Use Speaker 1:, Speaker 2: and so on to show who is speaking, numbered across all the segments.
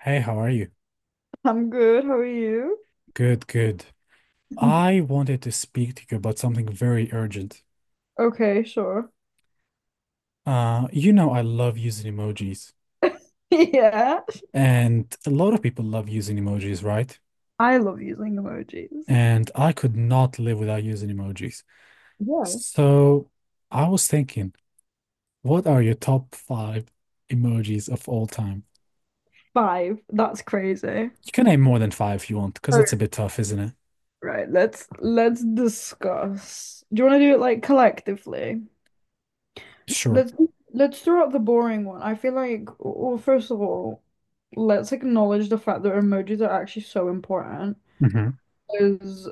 Speaker 1: Hey, how are you?
Speaker 2: I'm good. How are you?
Speaker 1: Good, good. I wanted to speak to you about something very urgent.
Speaker 2: Okay, sure.
Speaker 1: You know, I love using emojis,
Speaker 2: Yeah.
Speaker 1: and a lot of people love using emojis, right?
Speaker 2: I love using emojis.
Speaker 1: And I could not live without using emojis.
Speaker 2: Yeah.
Speaker 1: So I was thinking, what are your top five emojis of all time?
Speaker 2: Five. That's crazy.
Speaker 1: You can name more than five if you want, because
Speaker 2: right.
Speaker 1: that's a
Speaker 2: let
Speaker 1: bit tough, isn't it?
Speaker 2: right, let's discuss. Do you want to do it like collectively?
Speaker 1: Sure.
Speaker 2: Let's let's throw out the boring one. I feel like, well, first of all, let's acknowledge the fact that emojis are actually so important.
Speaker 1: Hmm.
Speaker 2: Because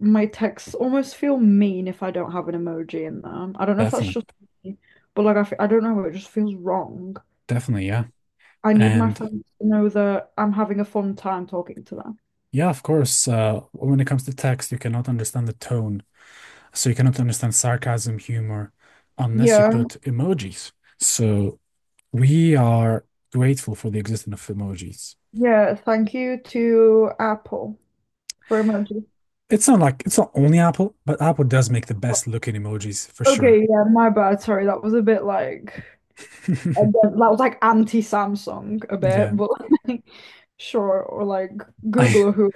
Speaker 2: my texts almost feel mean if I don't have an emoji in them. I don't know if that's just
Speaker 1: Definitely.
Speaker 2: me, but like, I don't know, it just feels wrong.
Speaker 1: Definitely, yeah.
Speaker 2: I need my
Speaker 1: And
Speaker 2: friends to know that I'm having a fun time talking to them.
Speaker 1: yeah, of course, when it comes to text, you cannot understand the tone. So you cannot understand sarcasm, humor, unless you
Speaker 2: Yeah,
Speaker 1: put emojis. So we are grateful for the existence of emojis.
Speaker 2: yeah. Thank you to Apple for emoji.
Speaker 1: It's not like it's not only Apple, but Apple does make the best looking emojis for sure.
Speaker 2: Okay, yeah, my bad. Sorry, that was a bit like and then that was like anti-Samsung a
Speaker 1: Yeah.
Speaker 2: bit, but like, sure, or like
Speaker 1: I
Speaker 2: Google or who.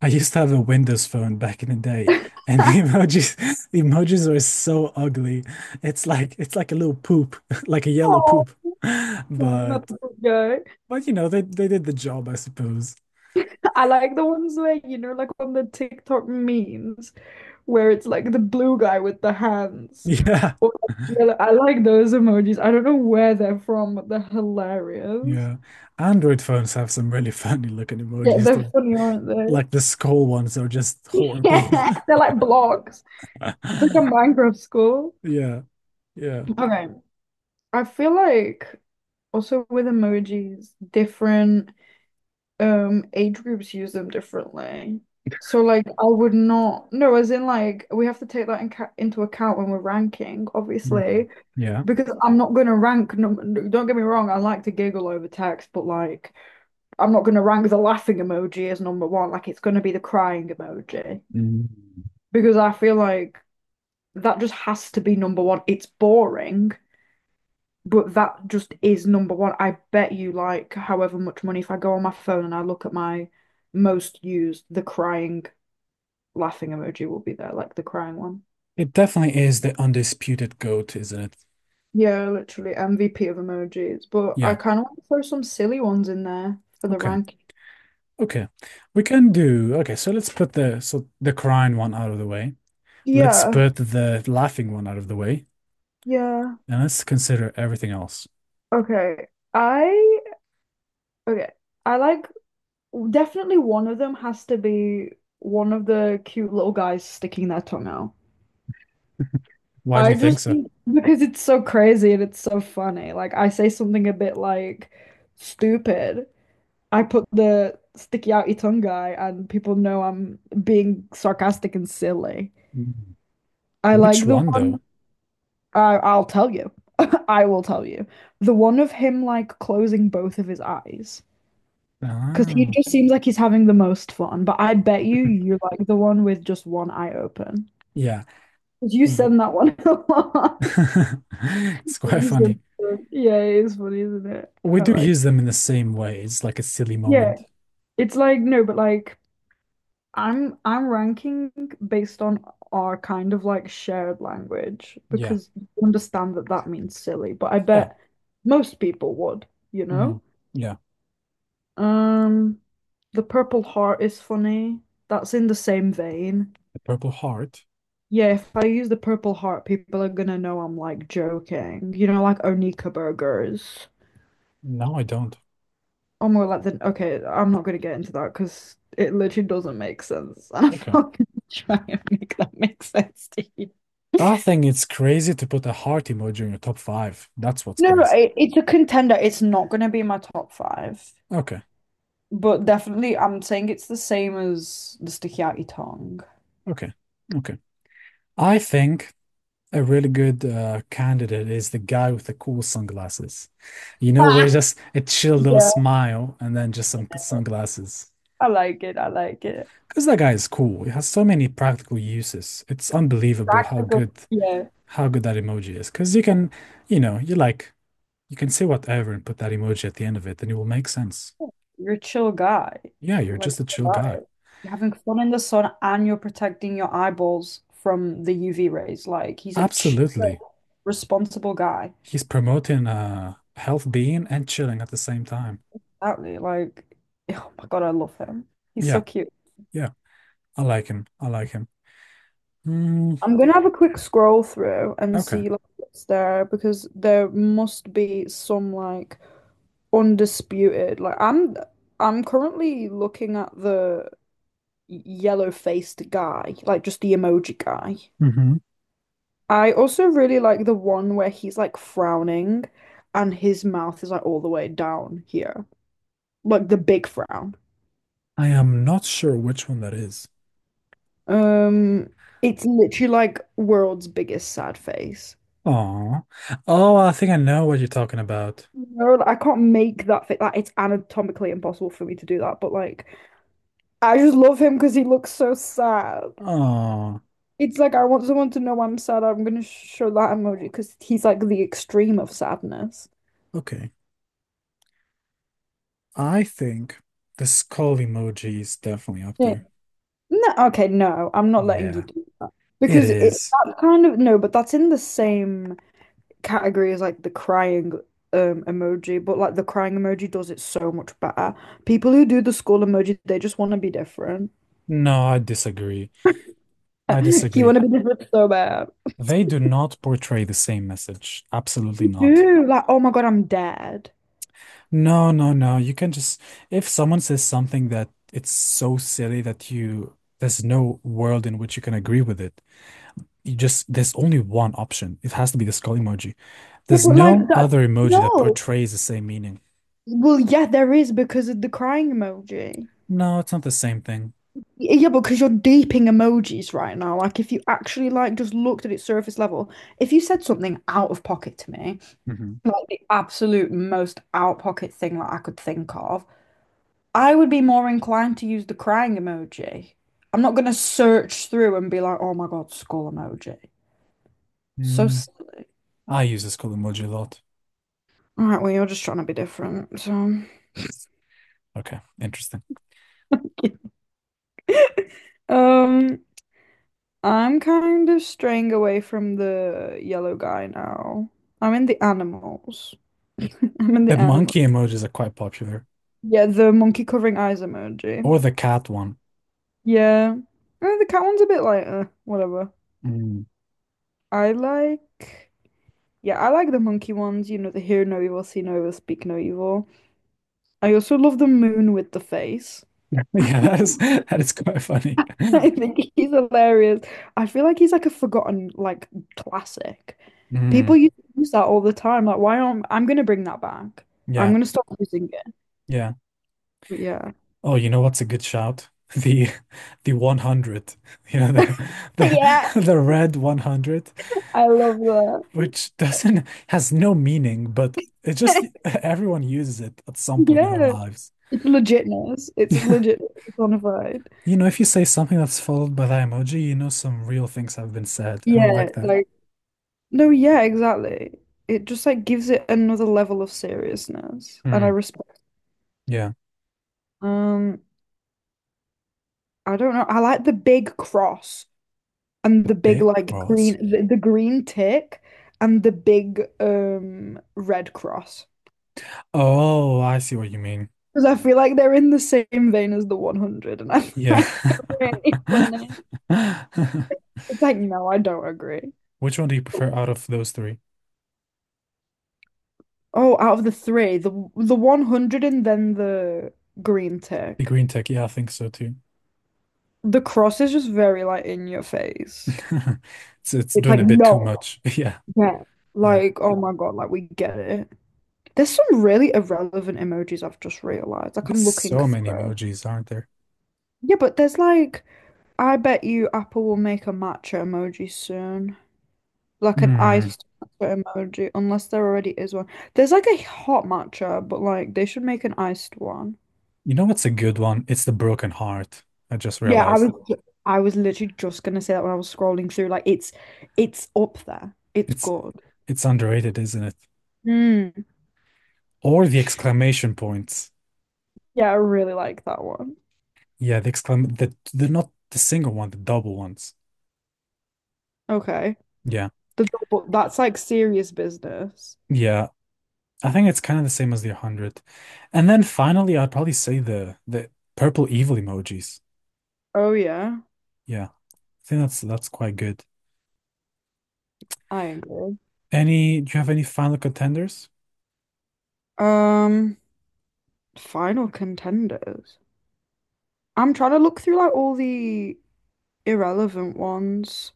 Speaker 1: I used to have a Windows phone back in the day, and the emojis the emojis were so ugly. It's like a little poop, like a yellow
Speaker 2: Oh,
Speaker 1: poop.
Speaker 2: no,
Speaker 1: But
Speaker 2: not the good guy.
Speaker 1: but they did the job, I suppose.
Speaker 2: I like the ones where you know, like on the TikTok memes, where it's like the blue guy with the hands.
Speaker 1: Yeah.
Speaker 2: Or like, I like those emojis. I don't know where they're from, but they're hilarious.
Speaker 1: Yeah. Android phones have some really funny looking
Speaker 2: Yeah,
Speaker 1: emojis
Speaker 2: they're
Speaker 1: too.
Speaker 2: funny, aren't
Speaker 1: Like the
Speaker 2: they?
Speaker 1: skull ones are just horrible.
Speaker 2: Yeah. They're like blocks. It's like a Minecraft school.
Speaker 1: Yeah. Yeah.
Speaker 2: Okay. I feel like also with emojis, different age groups use them differently. So like I would not no, as in like we have to take that in ca into account when we're ranking,
Speaker 1: Mhm.
Speaker 2: obviously.
Speaker 1: Yeah.
Speaker 2: Because I'm not going to no, no, don't get me wrong, I like to giggle over text, but like, I'm not going to rank the laughing emoji as number one. Like, it's going to be the crying emoji.
Speaker 1: Mm.
Speaker 2: Because I feel like that just has to be number one. It's boring, but that just is number one. I bet you, like, however much money, if I go on my phone and I look at my most used, the crying, laughing emoji will be there, like the crying one.
Speaker 1: It definitely is the undisputed goat, isn't it?
Speaker 2: Yeah, literally MVP of emojis. But I
Speaker 1: Yeah.
Speaker 2: kind of want to throw some silly ones in there for the
Speaker 1: Okay.
Speaker 2: rank.
Speaker 1: Okay. We can do. Okay, so let's put the crying one out of the way. Let's
Speaker 2: Yeah,
Speaker 1: put the laughing one out of the way,
Speaker 2: yeah.
Speaker 1: and let's consider everything else.
Speaker 2: Okay. I okay. I like definitely one of them has to be one of the cute little guys sticking their tongue out.
Speaker 1: Why do you think so?
Speaker 2: Because it's so crazy and it's so funny. Like I say something a bit like stupid. I put the sticky outy tongue guy and people know I'm being sarcastic and silly.
Speaker 1: Mm.
Speaker 2: I
Speaker 1: Which
Speaker 2: like the
Speaker 1: one though?
Speaker 2: one I'll tell you. I will tell you. The one of him like closing both of his eyes. Because he
Speaker 1: Ah,
Speaker 2: just seems like he's having the most fun, but I bet you you're like the one with just one eye open.
Speaker 1: yeah.
Speaker 2: 'Cause you
Speaker 1: W-
Speaker 2: send that one a lot.
Speaker 1: it's quite
Speaker 2: You
Speaker 1: funny.
Speaker 2: send that. Yeah, it is funny, isn't it?
Speaker 1: We
Speaker 2: I
Speaker 1: do
Speaker 2: like,
Speaker 1: use them in the same way. It's like a silly
Speaker 2: yeah,
Speaker 1: moment.
Speaker 2: it's like no, but like I'm ranking based on our kind of like shared language
Speaker 1: Yeah.
Speaker 2: because you understand that that means silly, but I
Speaker 1: Yeah.
Speaker 2: bet most people would, you
Speaker 1: Mm.
Speaker 2: know?
Speaker 1: Yeah.
Speaker 2: Um, the Purple Heart is funny. That's in the same vein.
Speaker 1: The purple heart.
Speaker 2: Yeah, if I use the purple heart, people are gonna know I'm like joking. You know, like Onika burgers.
Speaker 1: No, I don't.
Speaker 2: Or more like the okay, I'm not gonna get into that because it literally doesn't make sense. And I'm
Speaker 1: Okay.
Speaker 2: not gonna try and make that make sense to you.
Speaker 1: I think it's crazy to put a heart emoji in your top five. That's what's
Speaker 2: No,
Speaker 1: crazy.
Speaker 2: it, it's a contender. It's not going to be my top five,
Speaker 1: Okay.
Speaker 2: but definitely I'm saying it's the same as the sukiyaki tongue.
Speaker 1: Okay. Okay. I think a really good candidate is the guy with the cool sunglasses. You know, where it's just a chill little
Speaker 2: Yeah,
Speaker 1: smile and then just some sunglasses.
Speaker 2: I like it. I like it.
Speaker 1: Because that guy is cool. It has so many practical uses. It's unbelievable
Speaker 2: Practical. Yeah.
Speaker 1: how good that emoji is. Because you can, you know, you can say whatever and put that emoji at the end of it, and it will make sense.
Speaker 2: You're a chill guy.
Speaker 1: Yeah, you're
Speaker 2: Like,
Speaker 1: just a
Speaker 2: what
Speaker 1: chill
Speaker 2: about
Speaker 1: guy.
Speaker 2: it? You're having fun in the sun and you're protecting your eyeballs from the UV rays. Like, he's a chill,
Speaker 1: Absolutely.
Speaker 2: responsible guy.
Speaker 1: He's promoting health being and chilling at the same time.
Speaker 2: Exactly. Like, oh my God, I love him. He's so
Speaker 1: Yeah.
Speaker 2: cute.
Speaker 1: Yeah. I like him. I like him. Mm,
Speaker 2: I'm gonna have a quick scroll through and
Speaker 1: okay.
Speaker 2: see like what's there because there must be some like undisputed. Like, I'm currently looking at the yellow-faced guy, like just the emoji guy.
Speaker 1: Hmm.
Speaker 2: I also really like the one where he's like frowning and his mouth is like all the way down here. Like the big frown.
Speaker 1: I am not sure which one that is.
Speaker 2: Um, it's literally like world's biggest sad face.
Speaker 1: Oh. Oh, I think I know what you're talking about.
Speaker 2: No, like, I can't make that fit. Like it's anatomically impossible for me to do that, but like I just love him because he looks so sad.
Speaker 1: Oh,
Speaker 2: It's like I want someone to know I'm sad. I'm gonna show that emoji because he's like the extreme of sadness.
Speaker 1: okay. I think the skull emoji is definitely up
Speaker 2: Yeah.
Speaker 1: there.
Speaker 2: No, okay, no, I'm not letting you
Speaker 1: Yeah,
Speaker 2: do that.
Speaker 1: it
Speaker 2: Because it
Speaker 1: is.
Speaker 2: that kind of No, but that's in the same category as like the crying emoji, but like the crying emoji does it so much better. People who do the skull emoji, they just want to be different.
Speaker 1: No, I disagree. I
Speaker 2: You want
Speaker 1: disagree.
Speaker 2: to be different so bad.
Speaker 1: They do not portray the same message. Absolutely
Speaker 2: You
Speaker 1: not.
Speaker 2: do, like, oh my God, I'm dead.
Speaker 1: No, no, no. You can just, if someone says something that it's so silly that you, there's no world in which you can agree with it, you just there's only one option. It has to be the skull emoji.
Speaker 2: Yeah,
Speaker 1: There's
Speaker 2: but
Speaker 1: no
Speaker 2: like that,
Speaker 1: other emoji that
Speaker 2: no.
Speaker 1: portrays the same meaning.
Speaker 2: Well, yeah, there is because of the crying emoji.
Speaker 1: No, it's not the same thing.
Speaker 2: Yeah, because you're deeping emojis right now. Like, if you actually like just looked at its surface level, if you said something out of pocket to me,
Speaker 1: Hmm.
Speaker 2: like the absolute most out pocket thing that I could think of, I would be more inclined to use the crying emoji. I'm not gonna search through and be like, oh my God, skull emoji. So,
Speaker 1: Mm,
Speaker 2: s-
Speaker 1: I use the skull emoji a lot.
Speaker 2: all right, well, you're just trying to be different. So,
Speaker 1: Okay, interesting.
Speaker 2: um, I'm kind of straying away from the yellow guy now. I'm in the animals. I'm in
Speaker 1: The
Speaker 2: the animal.
Speaker 1: monkey emojis are quite popular,
Speaker 2: Yeah, the monkey covering eyes emoji.
Speaker 1: or the cat one.
Speaker 2: Yeah. The cat one's a bit like, whatever.
Speaker 1: Mm.
Speaker 2: I like, yeah, I like the monkey ones, you know, the hear no evil, see no evil, speak no evil. I also love the moon with the face.
Speaker 1: Yeah, that is that is quite funny.
Speaker 2: I think he's hilarious. I feel like he's like a forgotten like classic.
Speaker 1: Mm,
Speaker 2: People used to use that all the time. Like, why aren't I'm gonna bring that back. I'm
Speaker 1: yeah,
Speaker 2: gonna stop using it.
Speaker 1: yeah.
Speaker 2: But yeah.
Speaker 1: Oh, you know what's a good shout? The the 100. You know, the
Speaker 2: Yeah,
Speaker 1: the the red 100,
Speaker 2: I love that.
Speaker 1: which doesn't has no meaning, but it just everyone uses it at some point in their
Speaker 2: Yeah.
Speaker 1: lives.
Speaker 2: It's legitness. It's legit. It's bona fide.
Speaker 1: You know, if you say something that's followed by that emoji, you know some real things have been said, and I
Speaker 2: Yeah,
Speaker 1: like that.
Speaker 2: like no, yeah, exactly. It just like gives it another level of seriousness. And I
Speaker 1: Mm,
Speaker 2: respect
Speaker 1: yeah,
Speaker 2: um I don't know. I like the big cross, and
Speaker 1: the
Speaker 2: the big
Speaker 1: big
Speaker 2: like
Speaker 1: cross.
Speaker 2: the green tick and the big red cross
Speaker 1: Oh, I see what you mean.
Speaker 2: because I feel like they're in the same vein as the 100, and I
Speaker 1: Yeah.
Speaker 2: find it really It's like no, I don't agree.
Speaker 1: Which one do you prefer out of those three?
Speaker 2: Oh, out of the three, the 100 and then the green
Speaker 1: The
Speaker 2: tick.
Speaker 1: green tech, yeah, I think so too.
Speaker 2: The cross is just very like in your face.
Speaker 1: It's
Speaker 2: It's
Speaker 1: doing
Speaker 2: like
Speaker 1: a bit too
Speaker 2: no,
Speaker 1: much. Yeah,
Speaker 2: yeah.
Speaker 1: yeah.
Speaker 2: Like oh my god, like we get it. There's some really irrelevant emojis I've just realized. Like
Speaker 1: There's
Speaker 2: I'm looking
Speaker 1: so many
Speaker 2: through.
Speaker 1: emojis, aren't there?
Speaker 2: Yeah, but there's like, I bet you Apple will make a matcha emoji soon. Like an
Speaker 1: Hmm.
Speaker 2: iced matcha emoji, unless there already is one. There's like a hot matcha, but like they should make an iced one.
Speaker 1: You know what's a good one? It's the broken heart. I just realized.
Speaker 2: I was literally just gonna say that when I was scrolling through. Like it's up there. It's
Speaker 1: It's
Speaker 2: good.
Speaker 1: it's underrated, isn't it?
Speaker 2: Mm.
Speaker 1: Or the exclamation points.
Speaker 2: Yeah, I really like that one.
Speaker 1: Yeah, the not the single one, the double ones.
Speaker 2: Okay.
Speaker 1: Yeah.
Speaker 2: The double, that's like serious business.
Speaker 1: Yeah. I think it's kind of the same as the 100. And then finally, I'd probably say the purple evil emojis.
Speaker 2: Oh yeah,
Speaker 1: Yeah. I think that's quite good.
Speaker 2: I agree.
Speaker 1: Any, do you have any final contenders?
Speaker 2: Um, final contenders. I'm trying to look through like all the irrelevant ones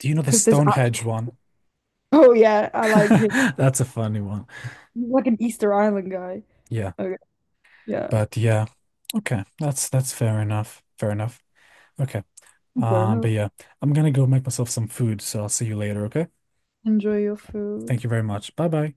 Speaker 1: Do you know the
Speaker 2: because there's actually.
Speaker 1: Stonehenge one?
Speaker 2: Oh yeah, I like him.
Speaker 1: That's a funny one.
Speaker 2: He's like an Easter Island guy.
Speaker 1: Yeah,
Speaker 2: Okay, yeah,
Speaker 1: but yeah. Okay, that's fair enough. Fair enough. Okay.
Speaker 2: fair
Speaker 1: But
Speaker 2: enough.
Speaker 1: yeah, I'm gonna go make myself some food, so I'll see you later, okay?
Speaker 2: Enjoy your food.
Speaker 1: Thank you very much. Bye bye.